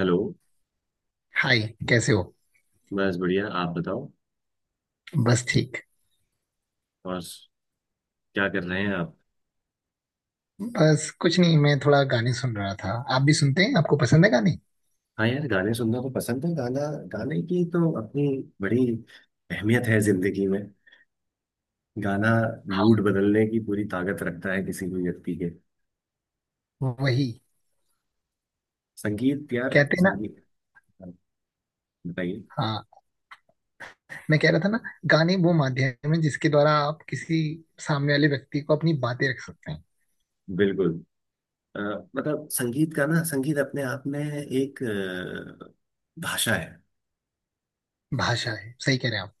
Hello. Hi. कैसे हो? बस बढ़िया, आप बताओ। बस ठीक। और क्या कर रहे हैं आप। बस कुछ नहीं, मैं थोड़ा गाने सुन रहा था। आप भी सुनते हैं? आपको पसंद है गाने? हाँ यार, गाने सुनना तो पसंद है। गाना, गाने की तो अपनी बड़ी अहमियत है जिंदगी में। गाना मूड बदलने की पूरी ताकत रखता है किसी भी व्यक्ति के। वही संगीत यार, कहते हैं ना। संगीत। हाँ, बताइए। हाँ, मैं कह रहा था ना, गाने वो माध्यम है जिसके द्वारा आप किसी सामने वाले व्यक्ति को अपनी बातें रख सकते हैं। बिल्कुल। अ, मतलब संगीत का ना, संगीत अपने आप में एक भाषा है। भाषा है, सही कह रहे हैं आप।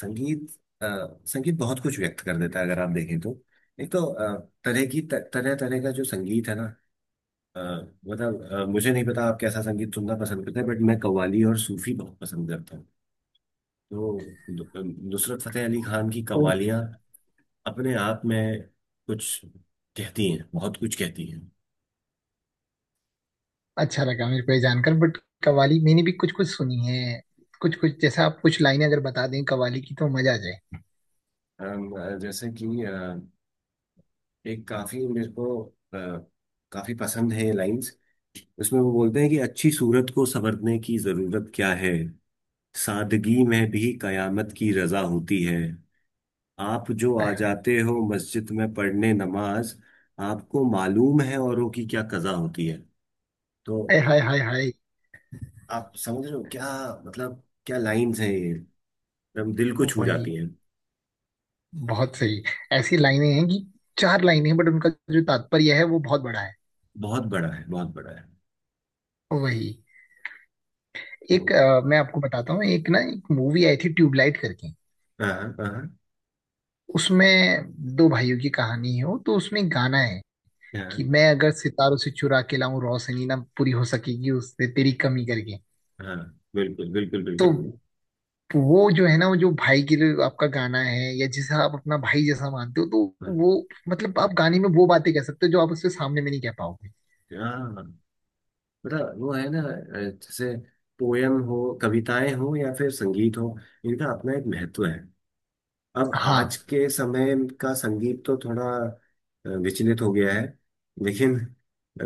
संगीत, संगीत बहुत कुछ व्यक्त कर देता है अगर आप देखें तो। एक तो तरह तरह का जो संगीत है ना। अ, मतलब, मुझे नहीं पता आप कैसा संगीत सुनना पसंद करते हैं, बट मैं कव्वाली और सूफी बहुत पसंद करता हूँ। तो नुसरत फतेह अली खान की ओ, कव्वालियाँ अपने आप में कुछ कहती हैं, बहुत कुछ कहती हैं। अच्छा लगा मेरे को ये जानकर, बट कव्वाली मैंने भी कुछ कुछ सुनी है। कुछ कुछ जैसा, आप कुछ लाइनें अगर बता दें कव्वाली की तो मजा आ जाए। जैसे कि एक काफी मेरे को अ, काफी पसंद है लाइंस। उसमें वो बोलते हैं कि अच्छी सूरत को संवरने की जरूरत क्या है, सादगी में भी कयामत की रजा होती है। आप जो हाय आ हाय जाते हो मस्जिद में पढ़ने नमाज, आपको मालूम है औरों की क्या कजा होती है। तो हाय हाय हाय हाय। आप समझ रहे हो क्या? मतलब क्या लाइंस हैं ये, एकदम दिल को छू वही, जाती हैं। बहुत सही। ऐसी लाइनें हैं कि चार लाइनें हैं बट उनका जो तात्पर्य है वो बहुत बड़ा है। बहुत बड़ा है, बहुत बड़ा है। वही। तो। एक मैं आपको बताता हूँ, एक ना एक मूवी आई थी ट्यूबलाइट करके। हाँ। हाँ। उसमें दो भाइयों की कहानी है वो, तो उसमें एक गाना है कि हाँ। मैं अगर सितारों से चुरा के लाऊं रोशनी ना पूरी हो सकेगी उससे तेरी कमी करके। हाँ। बिल्कुल बिल्कुल तो बिल्कुल। वो जो है ना, वो जो भाई के लिए आपका गाना है या जिसे आप अपना भाई जैसा मानते हो, तो हाँ। वो मतलब आप गाने में वो बातें कह सकते हो जो आप उससे सामने में नहीं कह पाओगे। हाँ, मतलब वो है ना, जैसे पोयम हो, कविताएं हो, या फिर संगीत हो। इनका अपना एक महत्व है। अब आज हाँ। के समय का संगीत तो थोड़ा विचलित हो गया है। लेकिन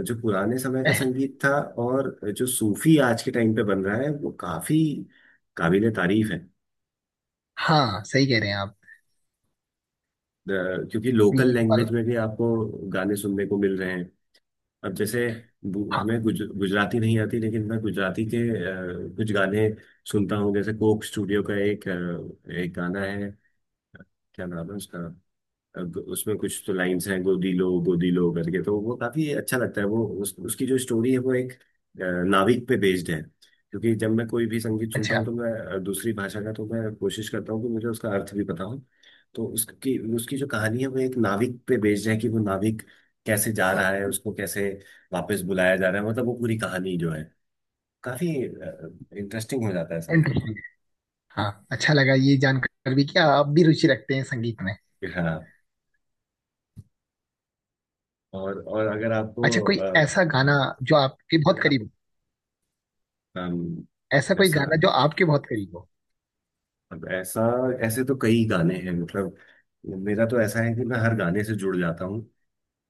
जो पुराने समय का संगीत था, और जो सूफी आज के टाइम पे बन रहा है, वो काफी काबिले तारीफ है। हाँ, सही कह रहे हैं आप। क्योंकि लोकल ये पर। लैंग्वेज में भी आपको गाने सुनने को मिल रहे हैं। अब जैसे, हाँ। हमें गुजराती नहीं आती, लेकिन मैं गुजराती के कुछ गाने सुनता हूँ। जैसे कोक स्टूडियो का एक गाना है, क्या नाम है उसका। अब उसमें कुछ तो लाइंस हैं, गोदी लो करके, तो वो काफी अच्छा लगता है। वो उसकी जो स्टोरी है वो एक नाविक पे बेस्ड है। क्योंकि जब मैं कोई भी संगीत सुनता अच्छा। हूँ तो मैं, दूसरी भाषा का तो मैं कोशिश करता हूँ कि मुझे उसका अर्थ भी पता हो। तो उसकी उसकी जो कहानी है वो एक नाविक पे बेस्ड है, कि वो नाविक कैसे जा रहा है, उसको कैसे वापस बुलाया जा रहा है, मतलब वो पूरी कहानी जो है काफी इंटरेस्टिंग हो जाता है सब। इंटरेस्टिंग। हाँ, अच्छा लगा ये जानकर भी कि आप भी रुचि रखते हैं संगीत में। हाँ। और अगर आपको अच्छा, कोई ऐसा गाना हाँ, जो आपके बहुत करीब हो? अम, ऐसा कोई ऐसा गाना जो आपके बहुत करीब हो? अब ऐसा ऐसे तो कई गाने हैं, मतलब मेरा तो ऐसा है कि मैं हर गाने से जुड़ जाता हूँ।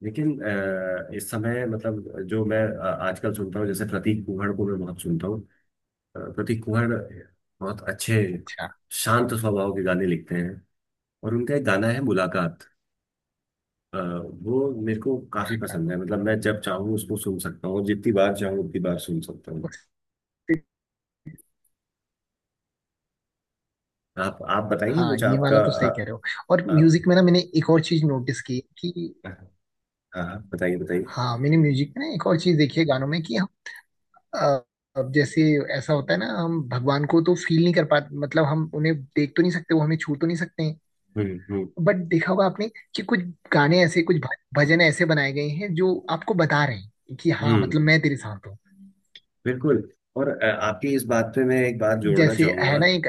लेकिन इस समय मतलब जो मैं आजकल सुनता हूँ, जैसे प्रतीक कुहड़ को मैं बहुत सुनता हूँ। प्रतीक कुहड़ बहुत अच्छे अच्छा। शांत स्वभाव के गाने लिखते हैं। और उनका एक गाना है मुलाकात, अ, वो मेरे को काफी पसंद है, मतलब मैं जब चाहूँ उसको सुन सकता हूँ, जितनी बार चाहूँ उतनी बार सुन सकता हूँ। उस- आप बताइए हाँ कुछ ये आपका वाला तो सही कह रहे हो। और आ, म्यूजिक में ना मैंने एक और चीज नोटिस की कि हाँ। हाँ, बताइए बताइए। हाँ, मैंने म्यूजिक में ना एक और चीज देखी है गानों में कि हम अ, अब जैसे ऐसा होता है ना, हम भगवान को तो फील नहीं कर पाते, मतलब हम उन्हें देख तो नहीं सकते, वो हमें छू तो नहीं सकते हैं। हम्म। हम्म। बट देखा होगा आपने कि कुछ गाने ऐसे, कुछ भजन ऐसे बनाए गए हैं जो आपको बता रहे हैं कि हाँ, हम्म। मतलब मैं तेरे साथ हूँ। बिल्कुल। और आपकी इस बात पे मैं एक बात जोड़ना जैसे है चाहूंगा। ना एक।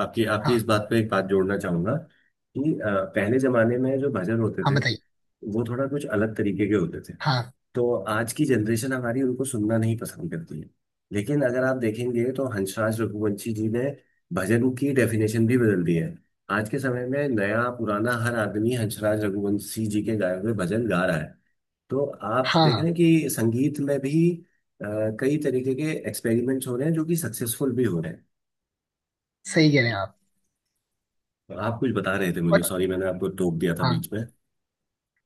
आपकी आपकी इस हाँ। बात पे एक बात जोड़ना चाहूंगा। कि पहले जमाने में जो भजन होते हाँ, थे बताइए। वो थोड़ा कुछ अलग तरीके के होते थे। हाँ। तो आज की जनरेशन हमारी उनको सुनना नहीं पसंद करती है। लेकिन अगर आप देखेंगे तो हंसराज रघुवंशी जी ने भजन की डेफिनेशन भी बदल दी है। आज के समय में नया पुराना हर आदमी हंसराज रघुवंशी जी के गाए हुए भजन गा रहा है। तो आप देख रहे हाँ, हैं कि संगीत में भी अ, कई तरीके के एक्सपेरिमेंट्स हो रहे हैं, जो कि सक्सेसफुल भी हो रहे हैं। सही कह रहे हैं आप। तो आप कुछ बता रहे थे मुझे, और सॉरी मैंने आपको टोक दिया था हाँ। बीच में।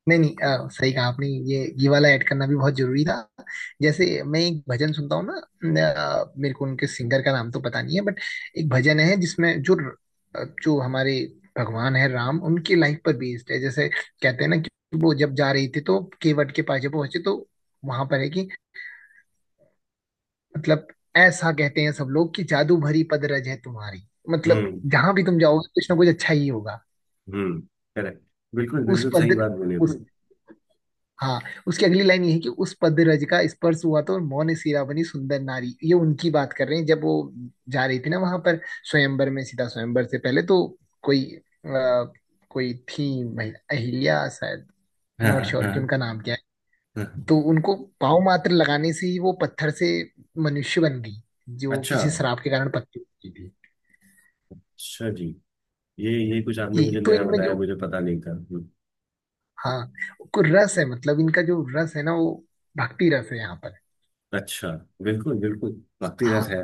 नहीं नहीं, सही कहा आपने, ये वाला ऐड करना भी बहुत जरूरी था। जैसे मैं एक भजन सुनता हूँ ना, मेरे को उनके सिंगर का नाम तो पता नहीं है बट एक भजन है जिसमें जो जो हमारे भगवान है राम, उनकी लाइफ पर बेस्ड है। जैसे कहते हैं ना कि वो जब जा रही थी तो केवट के पास जब पहुंचे तो वहां पर है कि मतलब ऐसा कहते हैं सब लोग कि जादू भरी पद रज है तुम्हारी। मतलब हम्म। जहां भी तुम जाओगे कुछ ना कुछ अच्छा ही होगा। हम्म। करेक्ट। बिल्कुल उस बिल्कुल, सही पद, बात बोले आप। उस, हाँ, उसकी अगली लाइन ये है कि उस पद रज का स्पर्श हुआ तो मौन सिरा बनी सुंदर नारी। ये उनकी बात कर रहे हैं जब वो जा रही थी ना वहां पर, स्वयंवर में, सीता स्वयंवर से पहले तो कोई आ, कोई थी महिला, अहिल्या शायद, हाँ। नॉट श्योर कि हाँ। उनका नाम क्या हाँ। है, तो उनको पाँव मात्र लगाने से ही वो पत्थर से मनुष्य बन गई, जो अच्छा। किसी श्राप के कारण पत्थर की थी। अच्छा जी। ये कुछ आपने ये मुझे तो नया इनमें बताया, जो, मुझे पता नहीं था। हाँ, को रस है, मतलब इनका जो रस है ना वो भक्ति रस है यहाँ पर। अच्छा। बिल्कुल बिल्कुल, भक्ति रस है। हाँ।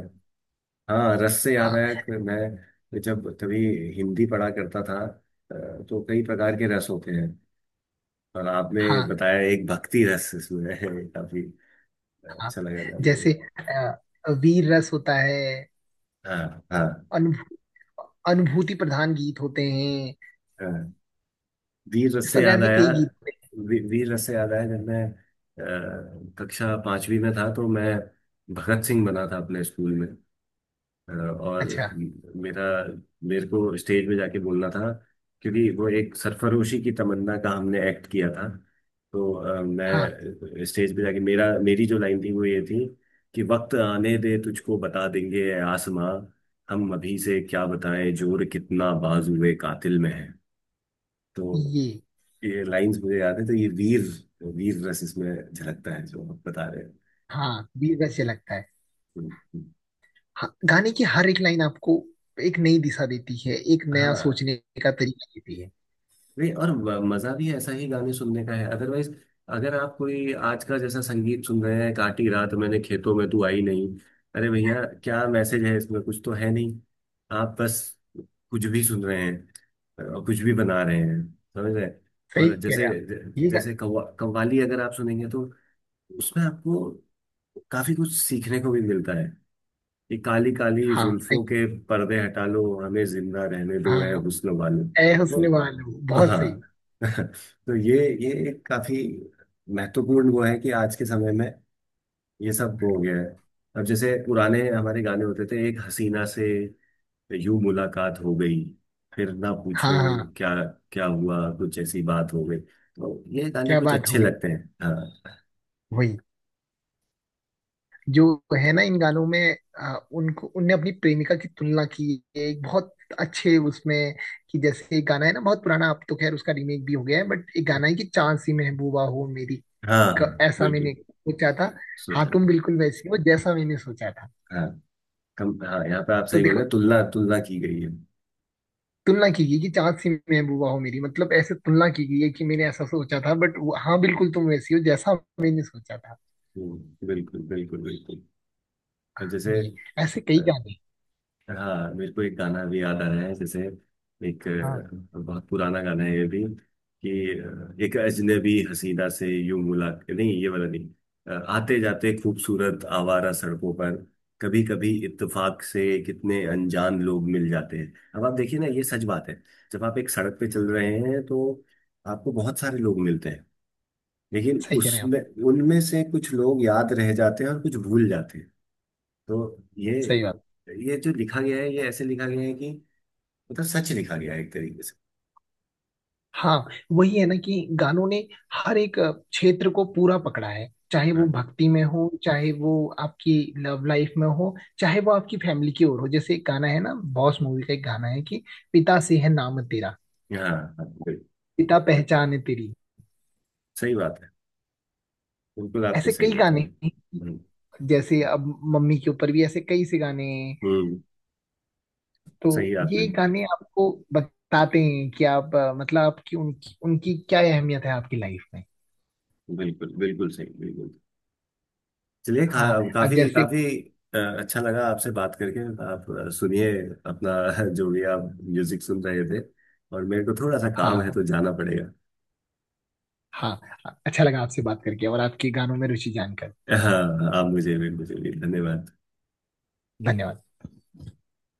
हाँ, रस से याद हाँ आया कि मैं जब कभी हिंदी पढ़ा करता था, तो कई प्रकार के रस होते हैं। और आपने हाँ। बताया एक भक्ति रस इसमें है, काफी हाँ। अच्छा लगा जान के। जैसे अ, वीर रस होता है, हाँ। हाँ। अनुभू, अनुभूति प्रधान गीत होते हैं। हाँ। वीर रस इस से प्रकार याद के आया। कई गीत होते वीर रस से याद आया, जब मैं कक्षा पांचवी में था तो मैं भगत सिंह बना था अपने स्कूल में। हैं। और अच्छा। मेरा मेरे को स्टेज पे जाके बोलना था, क्योंकि वो एक सरफरोशी की तमन्ना का हमने एक्ट किया था। तो हाँ। मैं स्टेज पे जाके, मेरा मेरी जो लाइन थी वो ये थी कि, वक्त आने दे तुझको बता देंगे ए आसमां, हम अभी से क्या बताएं जोर कितना बाजुए कातिल में है। तो ये ये लाइंस मुझे याद है, तो ये वीर वीर रस इसमें झलकता है, जो आप बता रहे हैं। हाँ, वीर रस ये लगता है। तो, हाँ, गाने की हर एक लाइन आपको एक नई दिशा देती है, एक नया हाँ। सोचने का तरीका देती है। नहीं, और मजा भी ऐसा ही गाने सुनने का है अदरवाइज। अगर आप कोई आज का जैसा संगीत सुन रहे हैं, काटी रात मैंने खेतों में तू आई नहीं, अरे भैया क्या मैसेज है इसमें, कुछ तो है नहीं। आप बस कुछ भी सुन रहे हैं और कुछ भी बना रहे हैं, समझ रहे हैं। सही और कह रहे जैसे, हैं आप। ये गा- जैसे कव्वाली अगर आप सुनेंगे तो उसमें आपको काफी कुछ सीखने को भी मिलता है, कि काली काली हाँ सही। जुल्फों के पर्दे हटा लो, हमें जिंदा रहने दो है हाँ। हुस्न वालों। ऐ हुस्न वालो, बहुत हाँ। सही। तो ये एक काफी महत्वपूर्ण वो है कि आज के समय में ये सब हो गया है। अब जैसे पुराने हमारे गाने होते थे, एक हसीना से यूं मुलाकात हो गई, फिर ना हाँ। पूछो हाँ, क्या, क्या हुआ कुछ ऐसी बात हो गई, तो ये गाने क्या कुछ बात हो अच्छे गई। लगते हैं, हाँ। वही जो है ना, इन गानों में उनको उनने अपनी प्रेमिका की तुलना की है एक बहुत अच्छे उसमें, कि जैसे एक गाना है ना बहुत पुराना, अब तो खैर उसका रीमेक भी हो गया है बट एक गाना है कि चांद सी महबूबा हो मेरी। हाँ। हाँ। ऐसा बिल्कुल। मैंने सोचा था। हाँ सोचा। तुम बिल्कुल वैसी हो जैसा मैंने सोचा था। हाँ, कम हाँ, यहाँ पे आप तो सही बोल रहे देखो, हैं, तुलना तुलना की गई है। तुलना की गई कि चांद सी महबूबा हो मेरी, मतलब ऐसे तुलना की गई है कि मैंने ऐसा सोचा था बट हाँ, बिल्कुल तुम वैसी हो जैसा मैंने सोचा था। बिल्कुल बिल्कुल बिल्कुल। और जैसे, ये ऐसे कई गाने हैं। हाँ मेरे को एक गाना भी याद आ रहा है, जैसे एक हाँ बहुत पुराना गाना है ये भी, कि एक अजनबी हसीना से यूं मुलाकात, नहीं ये वाला नहीं। आते जाते खूबसूरत आवारा सड़कों पर, कभी कभी इत्तेफाक से कितने अनजान लोग मिल जाते हैं। अब आप देखिए ना, ये सच बात है। जब आप एक सड़क पे चल रहे हैं तो आपको बहुत सारे लोग मिलते हैं। लेकिन सही कह रहे हैं आप। उसमें, उनमें से कुछ लोग याद रह जाते हैं और कुछ भूल जाते हैं। तो ये, सही बात। जो लिखा गया है, ये ऐसे लिखा गया है कि मतलब सच लिखा गया है एक तरीके से। हाँ, वही है ना कि गानों ने हर एक क्षेत्र को पूरा पकड़ा है, चाहे वो हाँ। भक्ति में हो, चाहे वो आपकी लव लाइफ में हो, चाहे वो आपकी फैमिली की ओर हो। जैसे एक गाना है ना बॉस मूवी का, एक गाना है कि पिता से है नाम तेरा, हाँ। हाँ, बिल्कुल, पिता पहचान है तेरी। सही बात है। बिल्कुल आपने ऐसे कई सही बता गाने रहे हैं। हैं, हम्म। जैसे अब मम्मी के ऊपर भी ऐसे कई से गाने हैं। हम्म, तो सही आपने ये बताई। गाने आपको बताते हैं कि आप मतलब आपकी, उनकी उनकी क्या अहमियत है आपकी लाइफ में। बिल्कुल बिल्कुल सही बिल्कुल। चलिए, हाँ। अब काफी जैसे काफी अच्छा लगा आपसे बात करके। आप सुनिए अपना, जो भी आप म्यूजिक सुन रहे थे, और मेरे को थोड़ा सा हाँ। काम है हाँ। तो जाना पड़ेगा। हाँ, अच्छा लगा आपसे बात करके और आपकी गानों में रुचि जानकर। हाँ, आप मुझे भी धन्यवाद। धन्यवाद।